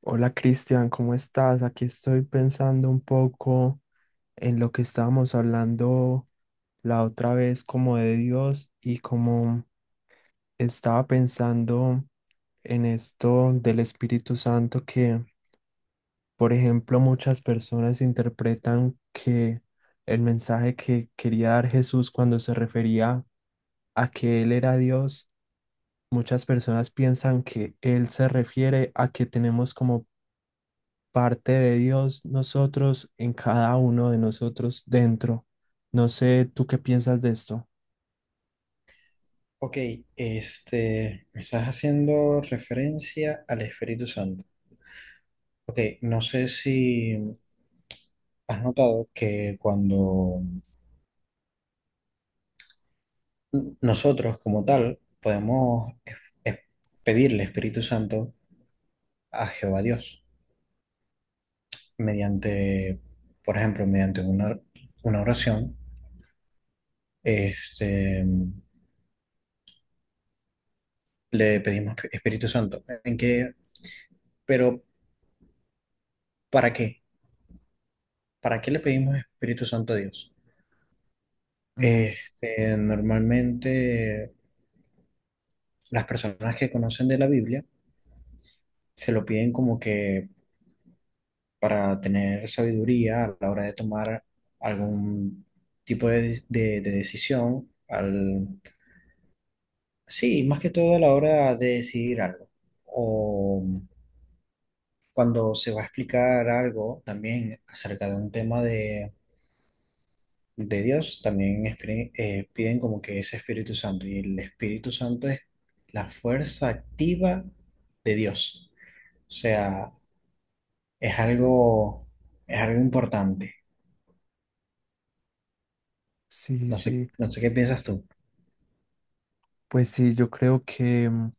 Hola Cristian, ¿cómo estás? Aquí estoy pensando un poco en lo que estábamos hablando la otra vez como de Dios y como estaba pensando en esto del Espíritu Santo que, por ejemplo, muchas personas interpretan que el mensaje que quería dar Jesús cuando se refería a que Él era Dios, muchas personas piensan que Él se refiere a que tenemos como parte de Dios nosotros, en cada uno de nosotros dentro. No sé, ¿tú qué piensas de esto? Ok, me estás haciendo referencia al Espíritu Santo. Ok, no sé si has notado que cuando nosotros como tal podemos es- pedirle Espíritu Santo a Jehová Dios mediante, por ejemplo, mediante una oración, este, le pedimos Espíritu Santo. ¿En qué? Pero ¿para qué? ¿Para qué le pedimos Espíritu Santo a Dios? Ujú. Normalmente las personas que conocen de la Biblia se lo piden como que para tener sabiduría a la hora de tomar algún tipo de decisión, sí, más que todo a la hora de decidir algo. O cuando se va a explicar algo también acerca de un tema de Dios, también piden como que ese Espíritu Santo. Y el Espíritu Santo es la fuerza activa de Dios. O sea, es algo, es algo importante. Sí, sí, No sé qué piensas tú. pues sí, yo creo que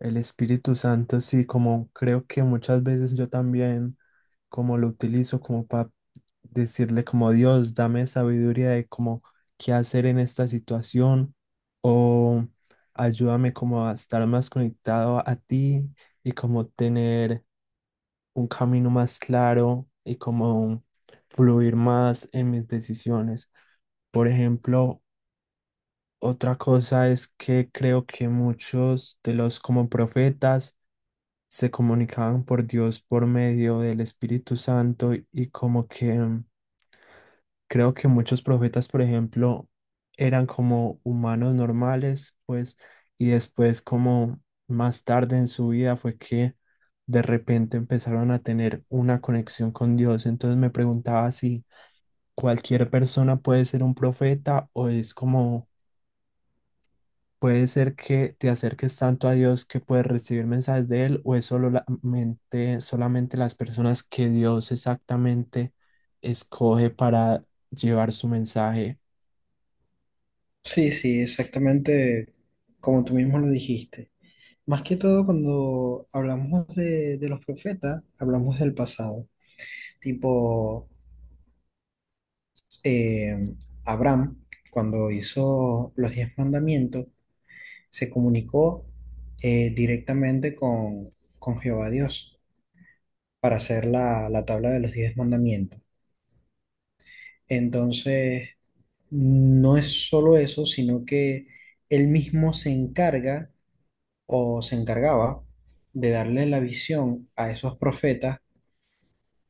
el Espíritu Santo, sí, como creo que muchas veces yo también, como lo utilizo como para decirle como Dios, dame sabiduría de cómo qué hacer en esta situación o ayúdame como a estar más conectado a ti y como tener un camino más claro y como fluir más en mis decisiones. Por ejemplo, otra cosa es que creo que muchos de los como profetas se comunicaban por Dios por medio del Espíritu Santo y como que creo que muchos profetas, por ejemplo, eran como humanos normales, pues, y después como más tarde en su vida fue que de repente empezaron a tener una conexión con Dios. Entonces me preguntaba si cualquier persona puede ser un profeta o es como puede ser que te acerques tanto a Dios que puedes recibir mensajes de Él, o es solamente las personas que Dios exactamente escoge para llevar su mensaje. Sí, sí, exactamente como tú mismo lo dijiste. Más que todo cuando hablamos de los profetas, hablamos del pasado. Tipo, eh, Abraham, cuando hizo los 10 mandamientos, se comunicó, directamente con Jehová Dios para hacer la tabla de los 10 mandamientos. Entonces, no es solo eso, sino que él mismo se encarga o se encargaba de darle la visión a esos profetas.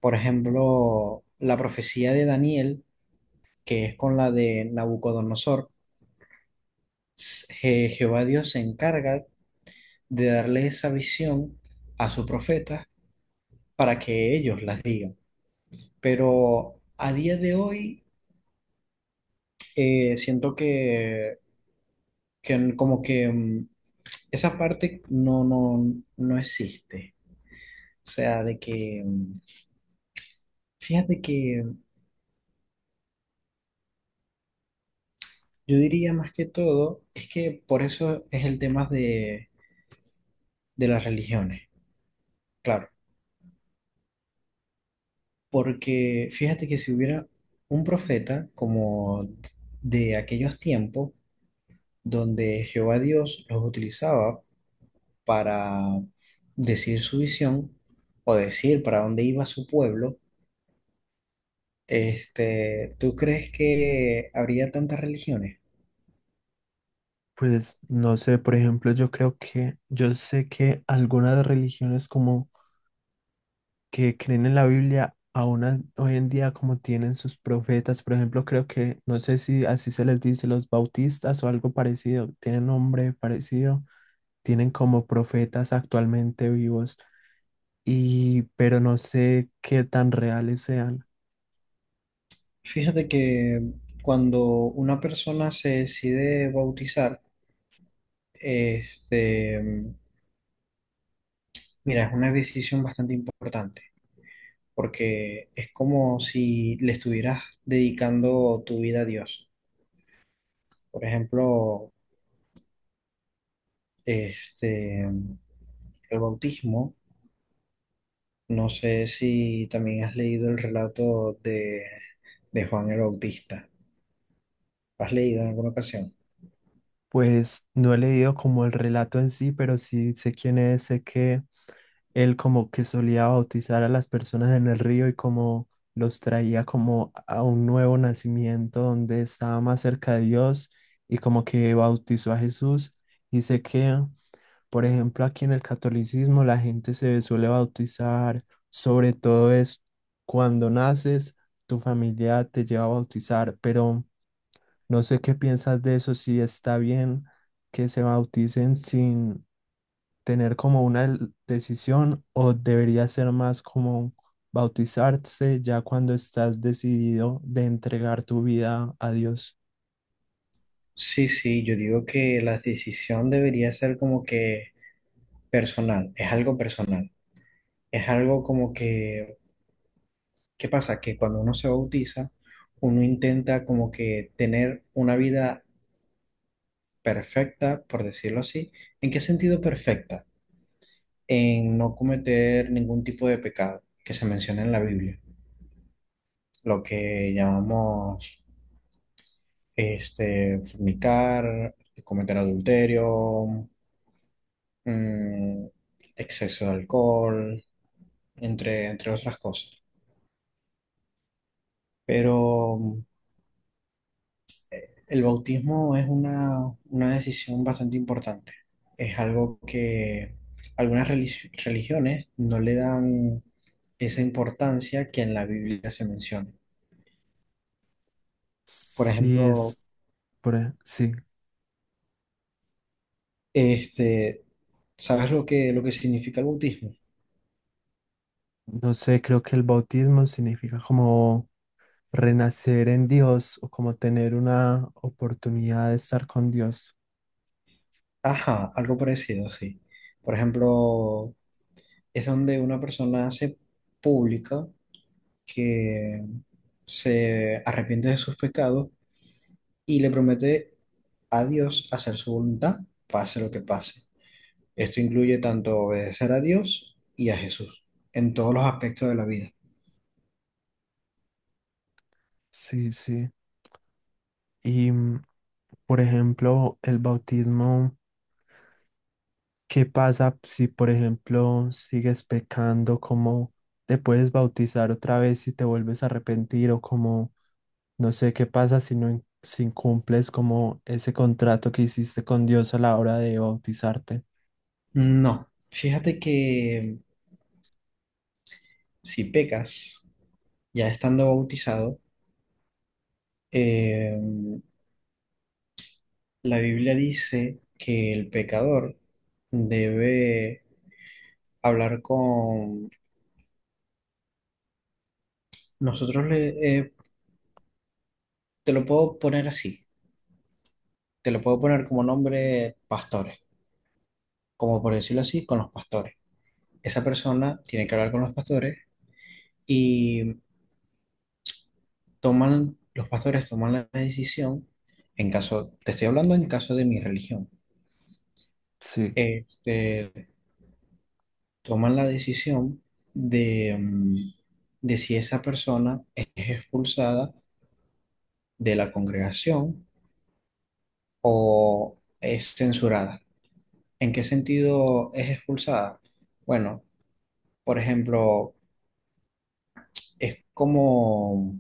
Por ejemplo, la profecía de Daniel, que es con la de Nabucodonosor, Jehová Dios se encarga de darle esa visión a su profeta para que ellos las digan. Pero a día de hoy, siento que como que esa parte no, no, no existe. O sea, de que, fíjate que yo diría más que todo, es que por eso es el tema de las religiones, claro. Porque fíjate que si hubiera un profeta como de aquellos tiempos donde Jehová Dios los utilizaba para decir su visión o decir para dónde iba su pueblo, ¿tú crees que habría tantas religiones? Pues no sé, por ejemplo, yo creo que, yo sé que algunas religiones como que creen en la Biblia, aún hoy en día como tienen sus profetas, por ejemplo, creo que, no sé si así se les dice, los bautistas o algo parecido, tienen nombre parecido, tienen como profetas actualmente vivos, y pero no sé qué tan reales sean. Fíjate que cuando una persona se decide bautizar, este, mira, es una decisión bastante importante, porque es como si le estuvieras dedicando tu vida a Dios. Por ejemplo, este, el bautismo. No sé si también has leído el relato de Juan el Bautista. ¿Has leído en alguna ocasión? Pues no he leído como el relato en sí, pero sí sé quién es, sé que él como que solía bautizar a las personas en el río y como los traía como a un nuevo nacimiento donde estaba más cerca de Dios y como que bautizó a Jesús y sé que, por ejemplo, aquí en el catolicismo la gente se suele bautizar, sobre todo es cuando naces, tu familia te lleva a bautizar, pero no sé qué piensas de eso, si está bien que se bauticen sin tener como una decisión o debería ser más como bautizarse ya cuando estás decidido de entregar tu vida a Dios. Sí, sí, yo digo que la decisión debería ser como que personal, es algo como que, ¿qué pasa? Que cuando uno se bautiza, uno intenta como que tener una vida perfecta, por decirlo así. ¿En qué sentido perfecta? En no cometer ningún tipo de pecado que se menciona en la Biblia, lo que llamamos, fornicar, cometer adulterio, mm, exceso de alcohol, entre otras cosas. Pero, el bautismo es una decisión bastante importante. Es algo que algunas religiones no le dan esa importancia que en la Biblia se menciona. Por Sí ejemplo, es, sí, Este, ¿sabes lo que significa el bautismo? no sé, creo que el bautismo significa como renacer en Dios o como tener una oportunidad de estar con Dios. Ajá, algo parecido, sí. Por ejemplo, es donde una persona hace pública que se arrepiente de sus pecados y le promete a Dios hacer su voluntad, pase lo que pase. Esto incluye tanto obedecer a Dios y a Jesús en todos los aspectos de la vida. Sí, sí. Y, por ejemplo, el bautismo, ¿qué pasa si, por ejemplo, sigues pecando? ¿Cómo te puedes bautizar otra vez si te vuelves a arrepentir o como, no sé, qué pasa si no si incumples como ese contrato que hiciste con Dios a la hora de bautizarte? No, fíjate que si pecas ya estando bautizado, eh, la Biblia dice que el pecador debe hablar con... Nosotros le, eh, te lo puedo poner así, te lo puedo poner como nombre pastores, como por decirlo así, con los pastores. Esa persona tiene que hablar con los pastores y los pastores toman la decisión, en caso, te estoy hablando en caso de mi religión, Sí, este, toman la decisión de, mm, de si esa persona es expulsada de la congregación o es censurada. ¿En qué sentido es expulsada? Bueno, por ejemplo, es como,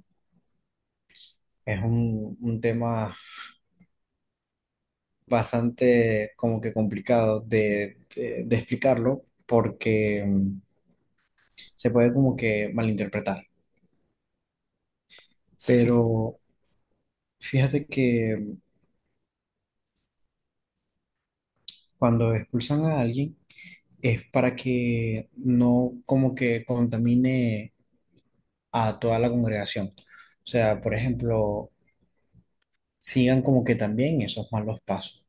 es un tema bastante como que complicado de explicarlo porque, se puede como que malinterpretar. Pero sí. fíjate que cuando expulsan a alguien es para que no como que contamine a toda la congregación. O sea, por ejemplo, sigan como que también esos malos pasos.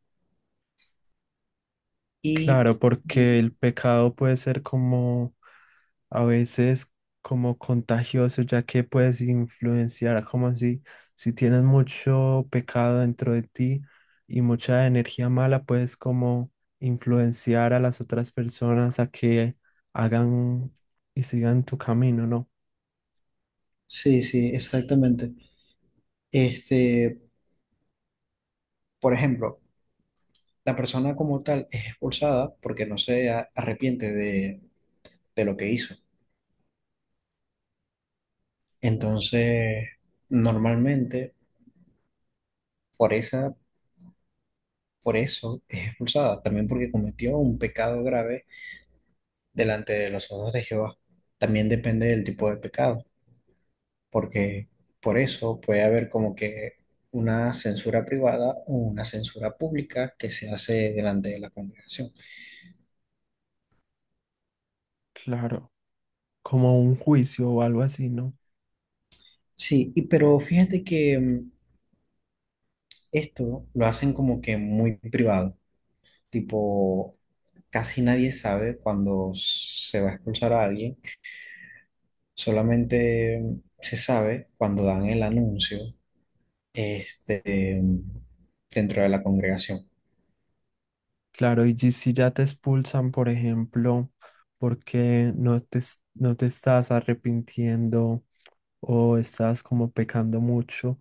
Y Claro, porque el pecado puede ser como a veces como contagioso, ya que puedes influenciar como si, si tienes mucho pecado dentro de ti y mucha energía mala, puedes como influenciar a las otras personas a que hagan y sigan tu camino, ¿no? sí, sí, exactamente. Este, por ejemplo, la persona como tal es expulsada porque no se arrepiente de lo que hizo. Entonces, normalmente por esa, por eso es expulsada, también porque cometió un pecado grave delante de los ojos de Jehová. También depende del tipo de pecado. Porque por eso puede haber como que una censura privada o una censura pública que se hace delante de la congregación. Claro, como un juicio o algo así, ¿no? Sí, y, pero fíjate que, esto lo hacen como que muy privado, tipo, casi nadie sabe cuando se va a expulsar a alguien, solamente, se sabe cuando dan el anuncio, este, mm, dentro de la congregación. Claro, y si ya te expulsan, por ejemplo, porque no te, no te estás arrepintiendo o estás como pecando mucho,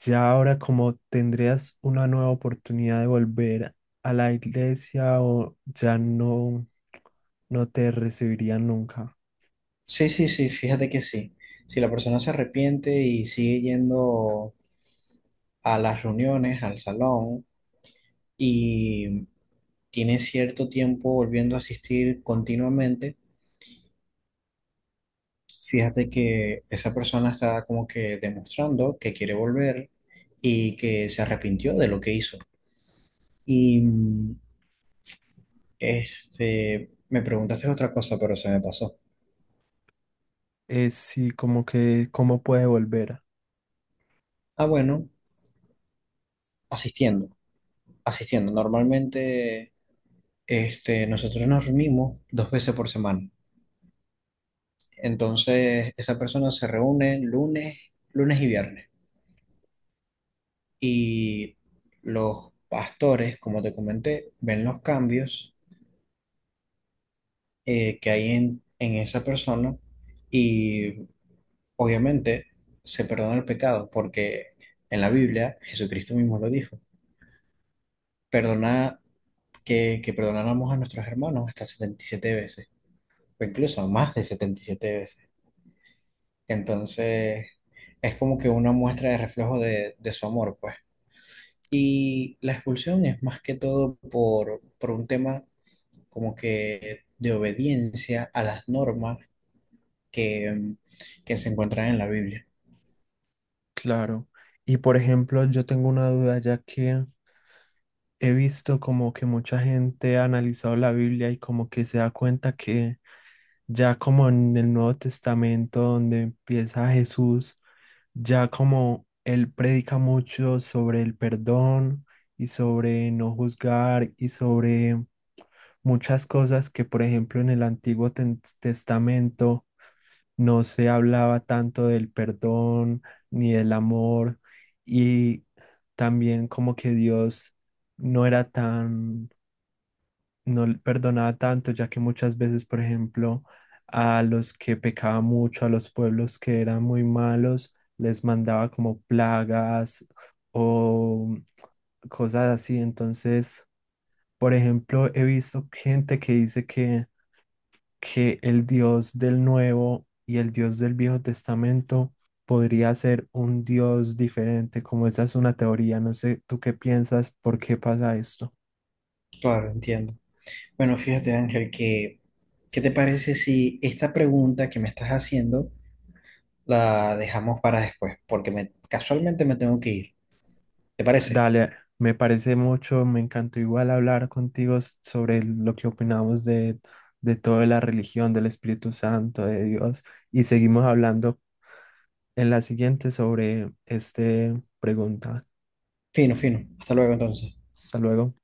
ya ahora como tendrías una nueva oportunidad de volver a la iglesia o ya no, no te recibirían nunca. Sí, sí, sí, fíjate que sí. Si la persona se arrepiente y sigue yendo a las reuniones, al salón, y tiene cierto tiempo volviendo a asistir continuamente, fíjate que esa persona está como que demostrando que quiere volver y que se arrepintió de lo que hizo. Y, me preguntaste otra cosa, pero se me pasó. Es sí, como que cómo puede volver, Ah, bueno, asistiendo, asistiendo. Normalmente, nosotros nos reunimos dos veces por semana. Entonces, esa persona se reúne lunes, lunes y viernes. Y los pastores, como te comenté, ven los cambios, que hay en esa persona, y obviamente se perdona el pecado, porque en la Biblia Jesucristo mismo lo dijo. Perdona que perdonáramos a nuestros hermanos hasta 77 veces, o incluso más de 77 veces. Entonces, es como que una muestra de reflejo de su amor, pues. Y la expulsión es más que todo por un tema como que de obediencia a las normas que, que se encuentran en la Biblia. claro. Y por ejemplo, yo tengo una duda ya que he visto como que mucha gente ha analizado la Biblia y como que se da cuenta que ya como en el Nuevo Testamento donde empieza Jesús, ya como él predica mucho sobre el perdón y sobre no juzgar y sobre muchas cosas que, por ejemplo, en el Antiguo Testamento no se hablaba tanto del perdón ni del amor y también como que Dios no era tan no perdonaba tanto, ya que muchas veces, por ejemplo, a los que pecaban mucho, a los pueblos que eran muy malos, les mandaba como plagas o cosas así. Entonces, por ejemplo, he visto gente que dice que el Dios del Nuevo y el Dios del Viejo Testamento podría ser un Dios diferente, como esa es una teoría. No sé, ¿tú qué piensas? ¿Por qué pasa esto? Claro, entiendo. Bueno, fíjate, Ángel, que, ¿qué te parece si esta pregunta que me estás haciendo la dejamos para después? Porque me, casualmente me tengo que ir. ¿Te parece? Dale, me parece mucho, me encantó igual hablar contigo sobre lo que opinamos de toda la religión, del Espíritu Santo, de Dios, y seguimos hablando en la siguiente sobre esta pregunta. Fino, fino. Hasta luego entonces. Hasta luego.